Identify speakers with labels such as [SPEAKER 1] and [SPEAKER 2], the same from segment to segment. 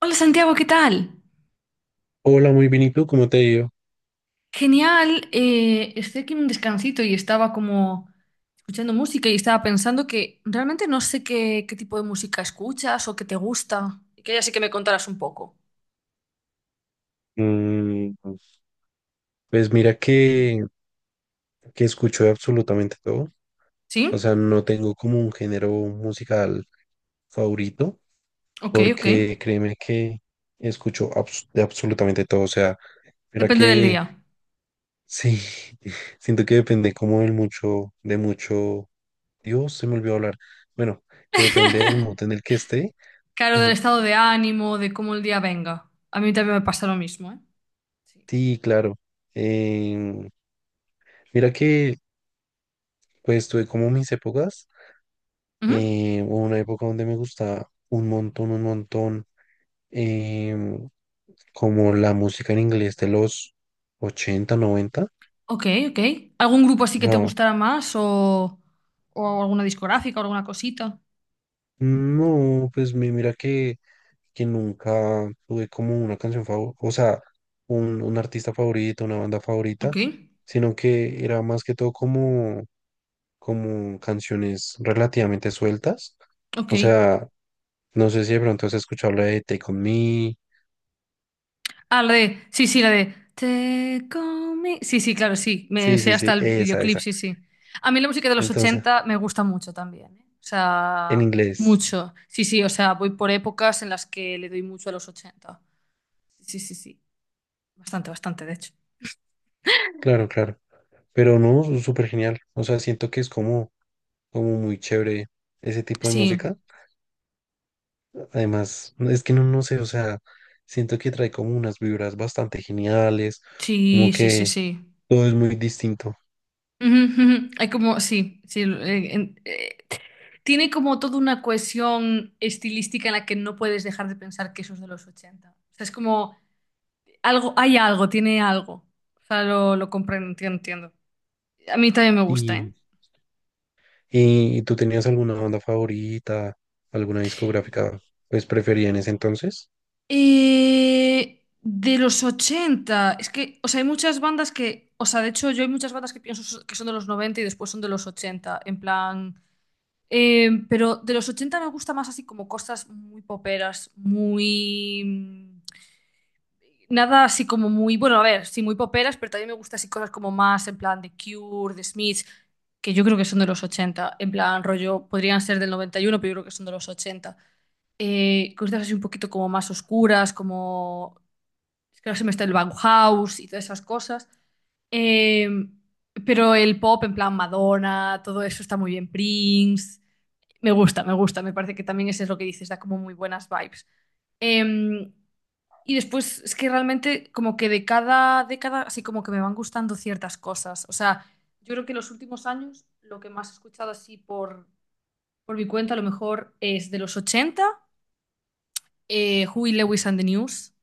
[SPEAKER 1] Hola Santiago, ¿qué tal?
[SPEAKER 2] Hola, muy bien. ¿Y tú cómo te ha ido?
[SPEAKER 1] Genial, estoy aquí en un descansito y estaba como escuchando música y estaba pensando que realmente no sé qué tipo de música escuchas o qué te gusta. Y que ya sí que me contarás un poco.
[SPEAKER 2] Mm, pues mira que escucho de absolutamente todo. O
[SPEAKER 1] ¿Sí?
[SPEAKER 2] sea, no tengo como un género musical favorito,
[SPEAKER 1] Ok, ok.
[SPEAKER 2] porque créeme que escucho de absolutamente todo. O sea, mira
[SPEAKER 1] Depende del
[SPEAKER 2] que
[SPEAKER 1] día.
[SPEAKER 2] sí, siento que depende como del mucho, de mucho. Dios, se me olvidó hablar. Bueno, que depende del mood en el que esté.
[SPEAKER 1] Claro, del
[SPEAKER 2] Ajá.
[SPEAKER 1] estado de ánimo, de cómo el día venga. A mí también me pasa lo mismo, ¿eh? Sí.
[SPEAKER 2] Sí, claro. Em, Mira que pues tuve como mis épocas.
[SPEAKER 1] Ujú.
[SPEAKER 2] Hubo una época donde me gustaba un montón, em, como la música en inglés de los 80 noventa.
[SPEAKER 1] Ok, ok. ¿Algún grupo así
[SPEAKER 2] O
[SPEAKER 1] que te
[SPEAKER 2] sea,
[SPEAKER 1] gustara más o alguna discográfica o alguna cosita?
[SPEAKER 2] no, pues mira que nunca tuve como una canción favorita, o sea, un artista favorito, una banda
[SPEAKER 1] Ok,
[SPEAKER 2] favorita, sino que era más que todo como, como canciones relativamente sueltas.
[SPEAKER 1] ok.
[SPEAKER 2] O sea, no sé si de pronto has escuchado la de Take On Me.
[SPEAKER 1] Ah, la de. Sí, sí, la de. Te come. Sí, sí, claro, sí. Me
[SPEAKER 2] Sí,
[SPEAKER 1] sé
[SPEAKER 2] sí,
[SPEAKER 1] hasta
[SPEAKER 2] sí,
[SPEAKER 1] el
[SPEAKER 2] esa,
[SPEAKER 1] videoclip,
[SPEAKER 2] esa.
[SPEAKER 1] sí, sí. A mí la música de los
[SPEAKER 2] Entonces,
[SPEAKER 1] 80 me gusta mucho también, ¿eh? O
[SPEAKER 2] en
[SPEAKER 1] sea,
[SPEAKER 2] inglés,
[SPEAKER 1] mucho. Sí, sí, o sea, voy por épocas en las que le doy mucho a los ochenta. Sí, sí, sí. Bastante, bastante, de hecho.
[SPEAKER 2] claro, claro. Pero no, súper genial. O sea, siento que es como, como muy chévere ese tipo de
[SPEAKER 1] Sí,
[SPEAKER 2] música. Además, no, es que no, no sé, o sea, siento que trae como unas vibras bastante geniales,
[SPEAKER 1] sí,
[SPEAKER 2] como
[SPEAKER 1] sí, sí,
[SPEAKER 2] que
[SPEAKER 1] sí.
[SPEAKER 2] todo es muy distinto.
[SPEAKER 1] Ujú, ujú. Hay como, sí, sí. Tiene como toda una cohesión estilística en la que no puedes dejar de pensar que eso es de los ochenta. O sea, es como... Algo, hay algo, tiene algo. O sea, lo comprendo, entiendo, entiendo. A mí también me gusta, ¿eh?
[SPEAKER 2] Y, y, ¿tú tenías alguna banda favorita, alguna discográfica, pues preferida en ese entonces?
[SPEAKER 1] De los 80 es que, o sea, hay muchas bandas que, o sea, de hecho, yo hay muchas bandas que que son de los 90 y después son de los 80 en plan, pero de los 80 me gusta más así como cosas muy poperas, muy... Nada así como muy, bueno, a ver, sí, muy poperas, pero también me gusta así cosas como más en plan de Cure, de Smiths, que yo creo que son de los 80 en plan rollo, podrían ser del 91 pero yo creo que son de los ochenta. Cosas así un poquito como más oscuras, como, es que ahora se me está el Bauhaus y todas esas cosas. Eh, pero el pop en plan Madonna, todo eso está muy bien, Prince, me gusta, me gusta, me parece que también eso es lo que dices, da como muy buenas vibes. Em, y después es que realmente como que de cada década así como que me van gustando ciertas cosas. O sea, yo creo que en los últimos años lo que más he escuchado así por mi cuenta a lo mejor es de los ochenta, Huey Lewis and the News.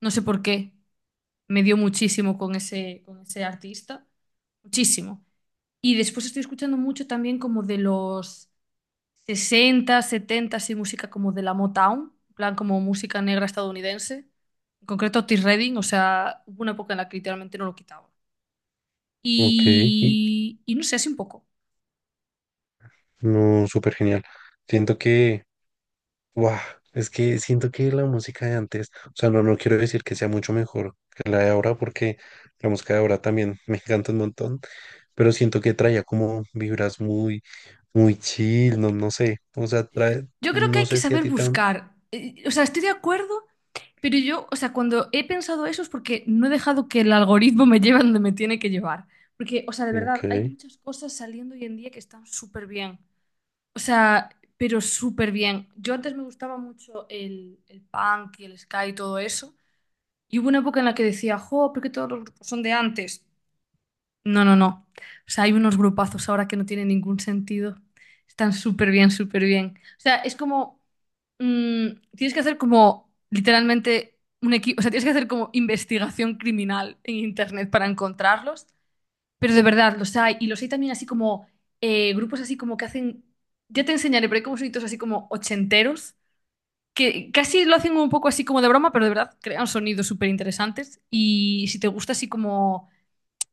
[SPEAKER 1] No sé por qué, me dio muchísimo con ese artista, muchísimo. Y después estoy escuchando mucho también como de los 60 70 así música como de la Motown, en plan como música negra estadounidense. En concreto Otis Redding, o sea, hubo una época en la que literalmente no lo quitaba.
[SPEAKER 2] Ok, y-
[SPEAKER 1] Y no sé, así un poco.
[SPEAKER 2] no, súper genial. Siento que, guau, es que siento que la música de antes, o sea, no, no quiero decir que sea mucho mejor que la de ahora, porque la música de ahora también me encanta un montón, pero siento que traía como vibras muy, muy chill, no, no sé, o sea, trae,
[SPEAKER 1] Yo creo que
[SPEAKER 2] no
[SPEAKER 1] hay que
[SPEAKER 2] sé si a
[SPEAKER 1] saber
[SPEAKER 2] ti también.
[SPEAKER 1] buscar. O sea, estoy de acuerdo, pero yo, o sea, cuando he pensado eso es porque no he dejado que el algoritmo me lleve a donde me tiene que llevar. Porque, o sea, de
[SPEAKER 2] Ok,
[SPEAKER 1] verdad, hay muchas cosas saliendo hoy en día que están súper bien. O sea, pero súper bien. Yo antes me gustaba mucho el punk y el ska y todo eso. Y hubo una época en la que decía, jo, ¿por qué todos los grupos son de antes? No, no, no. O sea, hay unos grupazos ahora que no tienen ningún sentido. Están súper bien, súper bien. O sea, es como, mm, tienes que hacer como literalmente un equipo, o sea, tienes que hacer como investigación criminal en internet para encontrarlos. Pero de verdad, los hay. Y los hay también así como grupos así como que hacen. Ya te enseñaré, pero hay como sonidos así como ochenteros, que casi lo hacen un poco así como de broma, pero de verdad crean sonidos súper interesantes. Y si te gusta así como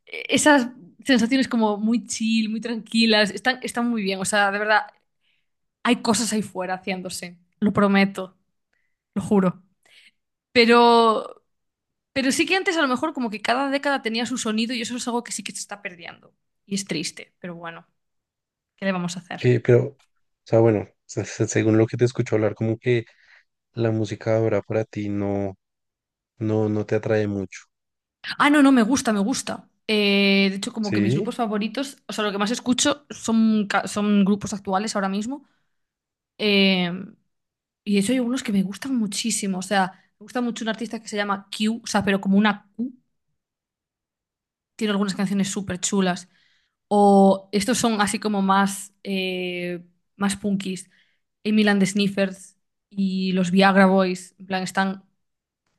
[SPEAKER 1] esas sensaciones como muy chill, muy tranquilas, están, están muy bien. O sea, de verdad, hay cosas ahí fuera haciéndose. Lo prometo, lo juro. Pero, pero, sí que antes a lo mejor como que cada década tenía su sonido y eso es algo que sí que se está perdiendo. Y es triste, pero bueno, ¿qué le vamos a hacer?
[SPEAKER 2] que, pero, o sea, bueno, según lo que te escucho hablar, como que la música de ahora para ti no, no, no te atrae mucho,
[SPEAKER 1] Ah, no, no, me gusta, me gusta. De hecho, como que mis
[SPEAKER 2] ¿sí?
[SPEAKER 1] grupos favoritos, o sea, lo que más escucho son grupos actuales ahora mismo. Eh, y de hecho hay unos que me gustan muchísimo. O sea, me gusta mucho un artista que se llama Q, o sea, pero como una Q. Tiene algunas canciones súper chulas. O estos son así como más punkis. Emil and the Sniffers y los Viagra Boys, en plan, están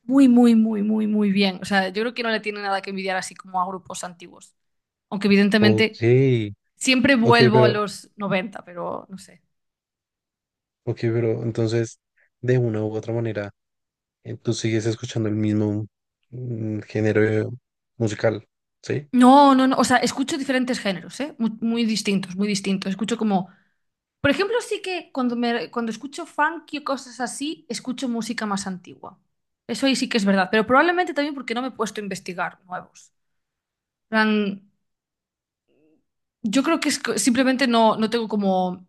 [SPEAKER 1] muy, muy, muy, muy, muy bien. O sea, yo creo que no le tiene nada que envidiar así como a grupos antiguos. Aunque
[SPEAKER 2] Ok,
[SPEAKER 1] evidentemente siempre
[SPEAKER 2] ok,
[SPEAKER 1] vuelvo a
[SPEAKER 2] pero,
[SPEAKER 1] los 90, pero no sé.
[SPEAKER 2] ok, pero entonces, de una u otra manera. Tú sigues escuchando el mismo género musical, ¿sí?
[SPEAKER 1] No, no, no. O sea, escucho diferentes géneros, ¿eh? Muy, muy distintos, muy distintos. Escucho como... Por ejemplo, sí que cuando escucho funky o cosas así, escucho música más antigua. Eso ahí sí que es verdad. Pero probablemente también porque no me he puesto a investigar nuevos. En plan, yo creo que es simplemente no tengo como,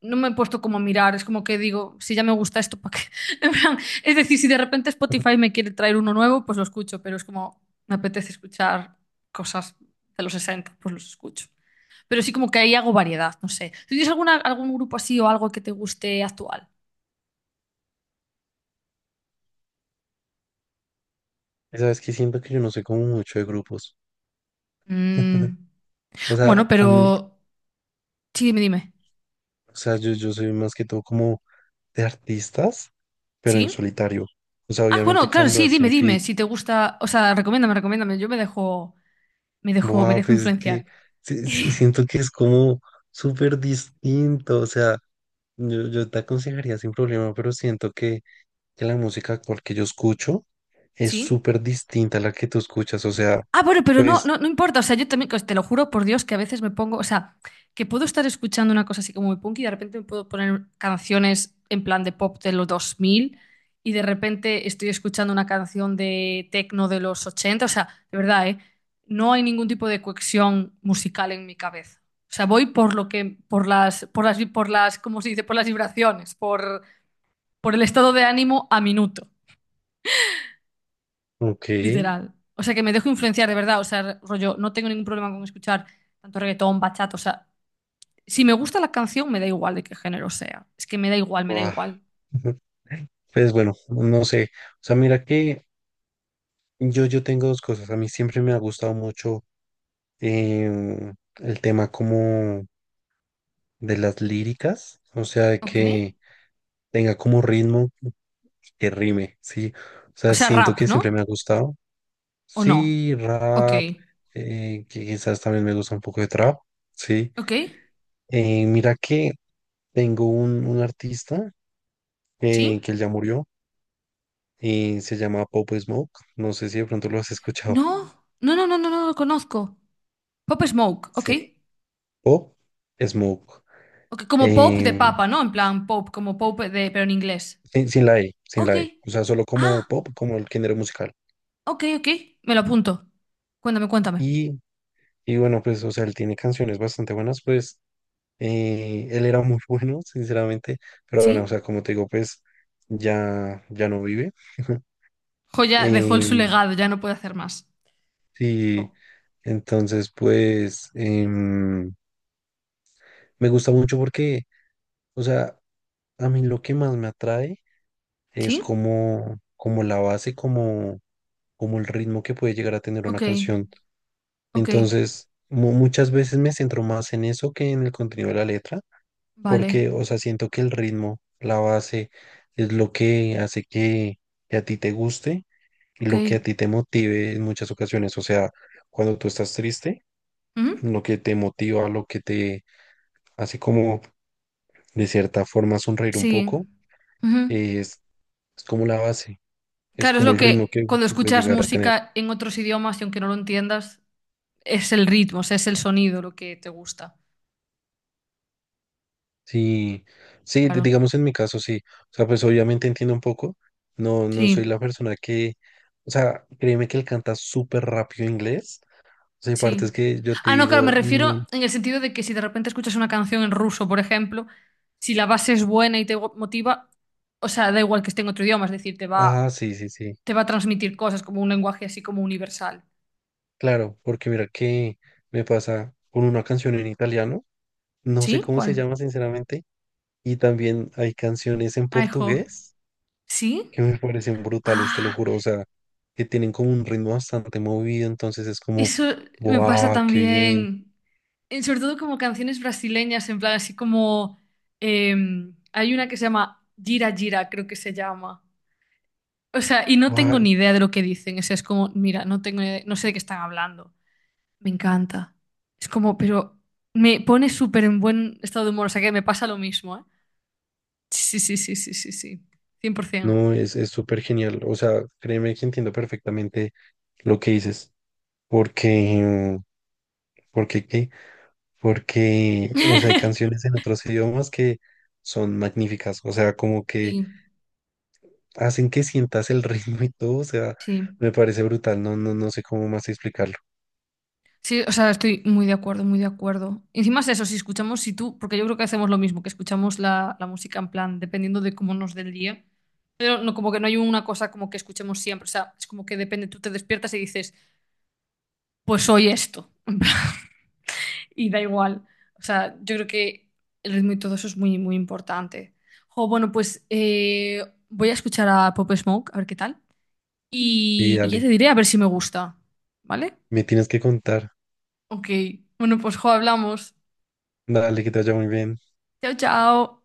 [SPEAKER 1] no me he puesto como a mirar, es como que digo, si ya me gusta esto, ¿para qué? En plan, es decir, si de repente Spotify me quiere traer uno nuevo, pues lo escucho, pero es como, me apetece escuchar cosas de los 60 pues los escucho. Pero sí como que ahí hago variedad, no sé. ¿Tú tienes alguna, algún grupo así o algo que te guste actual?
[SPEAKER 2] Y sabes que siento que yo no sé como mucho de grupos.
[SPEAKER 1] Mm,
[SPEAKER 2] O
[SPEAKER 1] bueno,
[SPEAKER 2] sea, a mí,
[SPEAKER 1] pero... Sí, dime, dime.
[SPEAKER 2] o sea, yo soy más que todo como de artistas, pero en
[SPEAKER 1] ¿Sí?
[SPEAKER 2] solitario. O sea,
[SPEAKER 1] Ah,
[SPEAKER 2] obviamente
[SPEAKER 1] bueno, claro,
[SPEAKER 2] cuando
[SPEAKER 1] sí, dime,
[SPEAKER 2] hacen
[SPEAKER 1] dime.
[SPEAKER 2] feat,
[SPEAKER 1] Si te gusta, o sea, recomiéndame, recomiéndame. Yo me dejo, me dejo, me
[SPEAKER 2] wow,
[SPEAKER 1] dejo
[SPEAKER 2] pues es que
[SPEAKER 1] influenciar.
[SPEAKER 2] sí siento que es como súper distinto. O sea, yo te aconsejaría sin problema, pero siento que la música actual que yo escucho es
[SPEAKER 1] Sí.
[SPEAKER 2] súper distinta a la que tú escuchas. O sea,
[SPEAKER 1] Ah, bueno, pero no,
[SPEAKER 2] pues,
[SPEAKER 1] no, no importa. O sea, yo también, pues, te lo juro por Dios que a veces me pongo, o sea, que puedo estar escuchando una cosa así como muy punk y de repente me puedo poner canciones en plan de pop de los 2000 y de repente estoy escuchando una canción de techno de los 80. O sea, de verdad, ¿eh? No hay ningún tipo de cohesión musical en mi cabeza. O sea, voy por lo que, por las, ¿cómo se dice? Por las vibraciones, por el estado de ánimo a minuto.
[SPEAKER 2] ok,
[SPEAKER 1] Literal. O sea, que me dejo influenciar de verdad. O sea, rollo, no tengo ningún problema con escuchar tanto reggaetón, bachata. O sea, si me gusta la canción, me da igual de qué género sea. Es que me da igual, me da
[SPEAKER 2] guau.
[SPEAKER 1] igual.
[SPEAKER 2] Pues bueno, no sé. O sea, mira que yo tengo dos cosas. A mí siempre me ha gustado mucho el tema como de las líricas, o sea, de
[SPEAKER 1] Ok.
[SPEAKER 2] que tenga como ritmo, que rime, ¿sí? O
[SPEAKER 1] O
[SPEAKER 2] sea,
[SPEAKER 1] sea,
[SPEAKER 2] siento
[SPEAKER 1] rap,
[SPEAKER 2] que
[SPEAKER 1] ¿no?
[SPEAKER 2] siempre me ha gustado.
[SPEAKER 1] ¿O no?
[SPEAKER 2] Sí,
[SPEAKER 1] Ok.
[SPEAKER 2] rap, que quizás también me gusta un poco de trap, ¿sí?
[SPEAKER 1] Ok.
[SPEAKER 2] Mira que tengo un artista que
[SPEAKER 1] ¿Sí?
[SPEAKER 2] él ya murió y se llama Pop Smoke. No sé si de pronto lo has escuchado.
[SPEAKER 1] No. No, no, no, no, no lo conozco. Pop Smoke. Ok.
[SPEAKER 2] Sí. Pop Smoke.
[SPEAKER 1] Ok, como pop de
[SPEAKER 2] Em,
[SPEAKER 1] papa, ¿no? En plan, pop, como pop de, pero en inglés.
[SPEAKER 2] sin la E, sin
[SPEAKER 1] Ok.
[SPEAKER 2] la E. O sea, solo como
[SPEAKER 1] Ah,
[SPEAKER 2] pop, como el género musical.
[SPEAKER 1] ok, ok. Me lo apunto. Cuéntame, cuéntame.
[SPEAKER 2] Y, y bueno, pues, o sea, él tiene canciones bastante buenas, pues, él era muy bueno, sinceramente. Pero bueno, o
[SPEAKER 1] ¿Sí?
[SPEAKER 2] sea, como te digo, pues, ya, ya no vive.
[SPEAKER 1] Joya dejó el su
[SPEAKER 2] Em,
[SPEAKER 1] legado, ya no puede hacer más. Oh.
[SPEAKER 2] sí, entonces, pues, me gusta mucho porque, o sea, a mí lo que más me atrae es
[SPEAKER 1] ¿Sí?
[SPEAKER 2] como la base, como el ritmo que puede llegar a tener una
[SPEAKER 1] Ok,
[SPEAKER 2] canción.
[SPEAKER 1] ok,
[SPEAKER 2] Entonces, muchas veces me centro más en eso que en el contenido de la letra,
[SPEAKER 1] vale,
[SPEAKER 2] porque, o sea, siento que el ritmo, la base, es lo que hace que a ti te guste y
[SPEAKER 1] ok.
[SPEAKER 2] lo que a ti te motive en muchas ocasiones. O sea, cuando tú estás triste,
[SPEAKER 1] Ujú.
[SPEAKER 2] lo que te motiva, lo que te hace como, de cierta forma, sonreír un
[SPEAKER 1] Sí.
[SPEAKER 2] poco,
[SPEAKER 1] Ujú.
[SPEAKER 2] es, es como la base, es
[SPEAKER 1] Claro, es
[SPEAKER 2] como
[SPEAKER 1] lo
[SPEAKER 2] el ritmo
[SPEAKER 1] que
[SPEAKER 2] que
[SPEAKER 1] cuando
[SPEAKER 2] que puede
[SPEAKER 1] escuchas
[SPEAKER 2] llegar a tener.
[SPEAKER 1] música en otros idiomas y aunque no lo entiendas, es el ritmo, o sea, es el sonido lo que te gusta.
[SPEAKER 2] Sí, sí,
[SPEAKER 1] Claro.
[SPEAKER 2] digamos en mi caso sí. O sea, pues obviamente entiendo un poco. No, no soy
[SPEAKER 1] Sí,
[SPEAKER 2] la persona que, o sea, créeme que él canta súper rápido inglés. O sea, hay
[SPEAKER 1] sí.
[SPEAKER 2] partes que yo te
[SPEAKER 1] Ah, no, claro, me
[SPEAKER 2] digo,
[SPEAKER 1] refiero
[SPEAKER 2] "No".
[SPEAKER 1] en el sentido de que si de repente escuchas una canción en ruso, por ejemplo, si la base es buena y te motiva, o sea, da igual que esté en otro idioma, es decir, te va
[SPEAKER 2] Ah, sí, sí, sí.
[SPEAKER 1] te va a transmitir cosas como un lenguaje así como universal.
[SPEAKER 2] Claro, porque mira que me pasa con una canción en italiano, no sé
[SPEAKER 1] ¿Sí?
[SPEAKER 2] cómo se
[SPEAKER 1] ¿Cuál?
[SPEAKER 2] llama sinceramente, y también hay canciones en
[SPEAKER 1] Ay, jo.
[SPEAKER 2] portugués
[SPEAKER 1] ¿Sí?
[SPEAKER 2] que me parecen brutales, te lo
[SPEAKER 1] Ah,
[SPEAKER 2] juro. O sea, que tienen como un ritmo bastante movido, entonces es como,
[SPEAKER 1] eso me pasa
[SPEAKER 2] wow, qué bien.
[SPEAKER 1] también. Sobre todo como canciones brasileñas, en plan así como... Hay una que se llama Gira Gira, creo que se llama. O sea, y no tengo ni idea de lo que dicen. O sea, es como, mira, no tengo ni idea- no sé de qué están hablando. Me encanta. Es como, pero me pone súper en buen estado de humor. O sea, que me pasa lo mismo, ¿eh? Sí, sí, sí, sí, sí, sí, cien por 100%.
[SPEAKER 2] No, es súper genial. O sea, créeme que entiendo perfectamente lo que dices. Porque, porque qué, porque, o sea, hay canciones en otros idiomas que son magníficas. O sea, como que
[SPEAKER 1] Sí,
[SPEAKER 2] hacen que sientas el ritmo y todo. O sea,
[SPEAKER 1] sí.
[SPEAKER 2] me parece brutal. No, no, no sé cómo más explicarlo.
[SPEAKER 1] Sí, o sea, estoy muy de acuerdo, muy de acuerdo. Encima es eso, si escuchamos, si tú, porque yo creo que hacemos lo mismo, que escuchamos la música en plan, dependiendo de cómo nos dé el día, pero no como que no hay una cosa como que escuchemos siempre, o sea, es como que depende, tú te despiertas y dices, pues hoy esto, en plan, y da igual. O sea, yo creo que el ritmo y todo eso es muy, muy importante. O bueno, pues voy a escuchar a Pop Smoke, a ver qué tal,
[SPEAKER 2] Y
[SPEAKER 1] y ya
[SPEAKER 2] dale,
[SPEAKER 1] te diré a ver si me gusta, ¿vale?
[SPEAKER 2] me tienes que contar.
[SPEAKER 1] Ok, bueno, pues jo, hablamos.
[SPEAKER 2] Dale, que te vaya muy bien.
[SPEAKER 1] Chao, chao.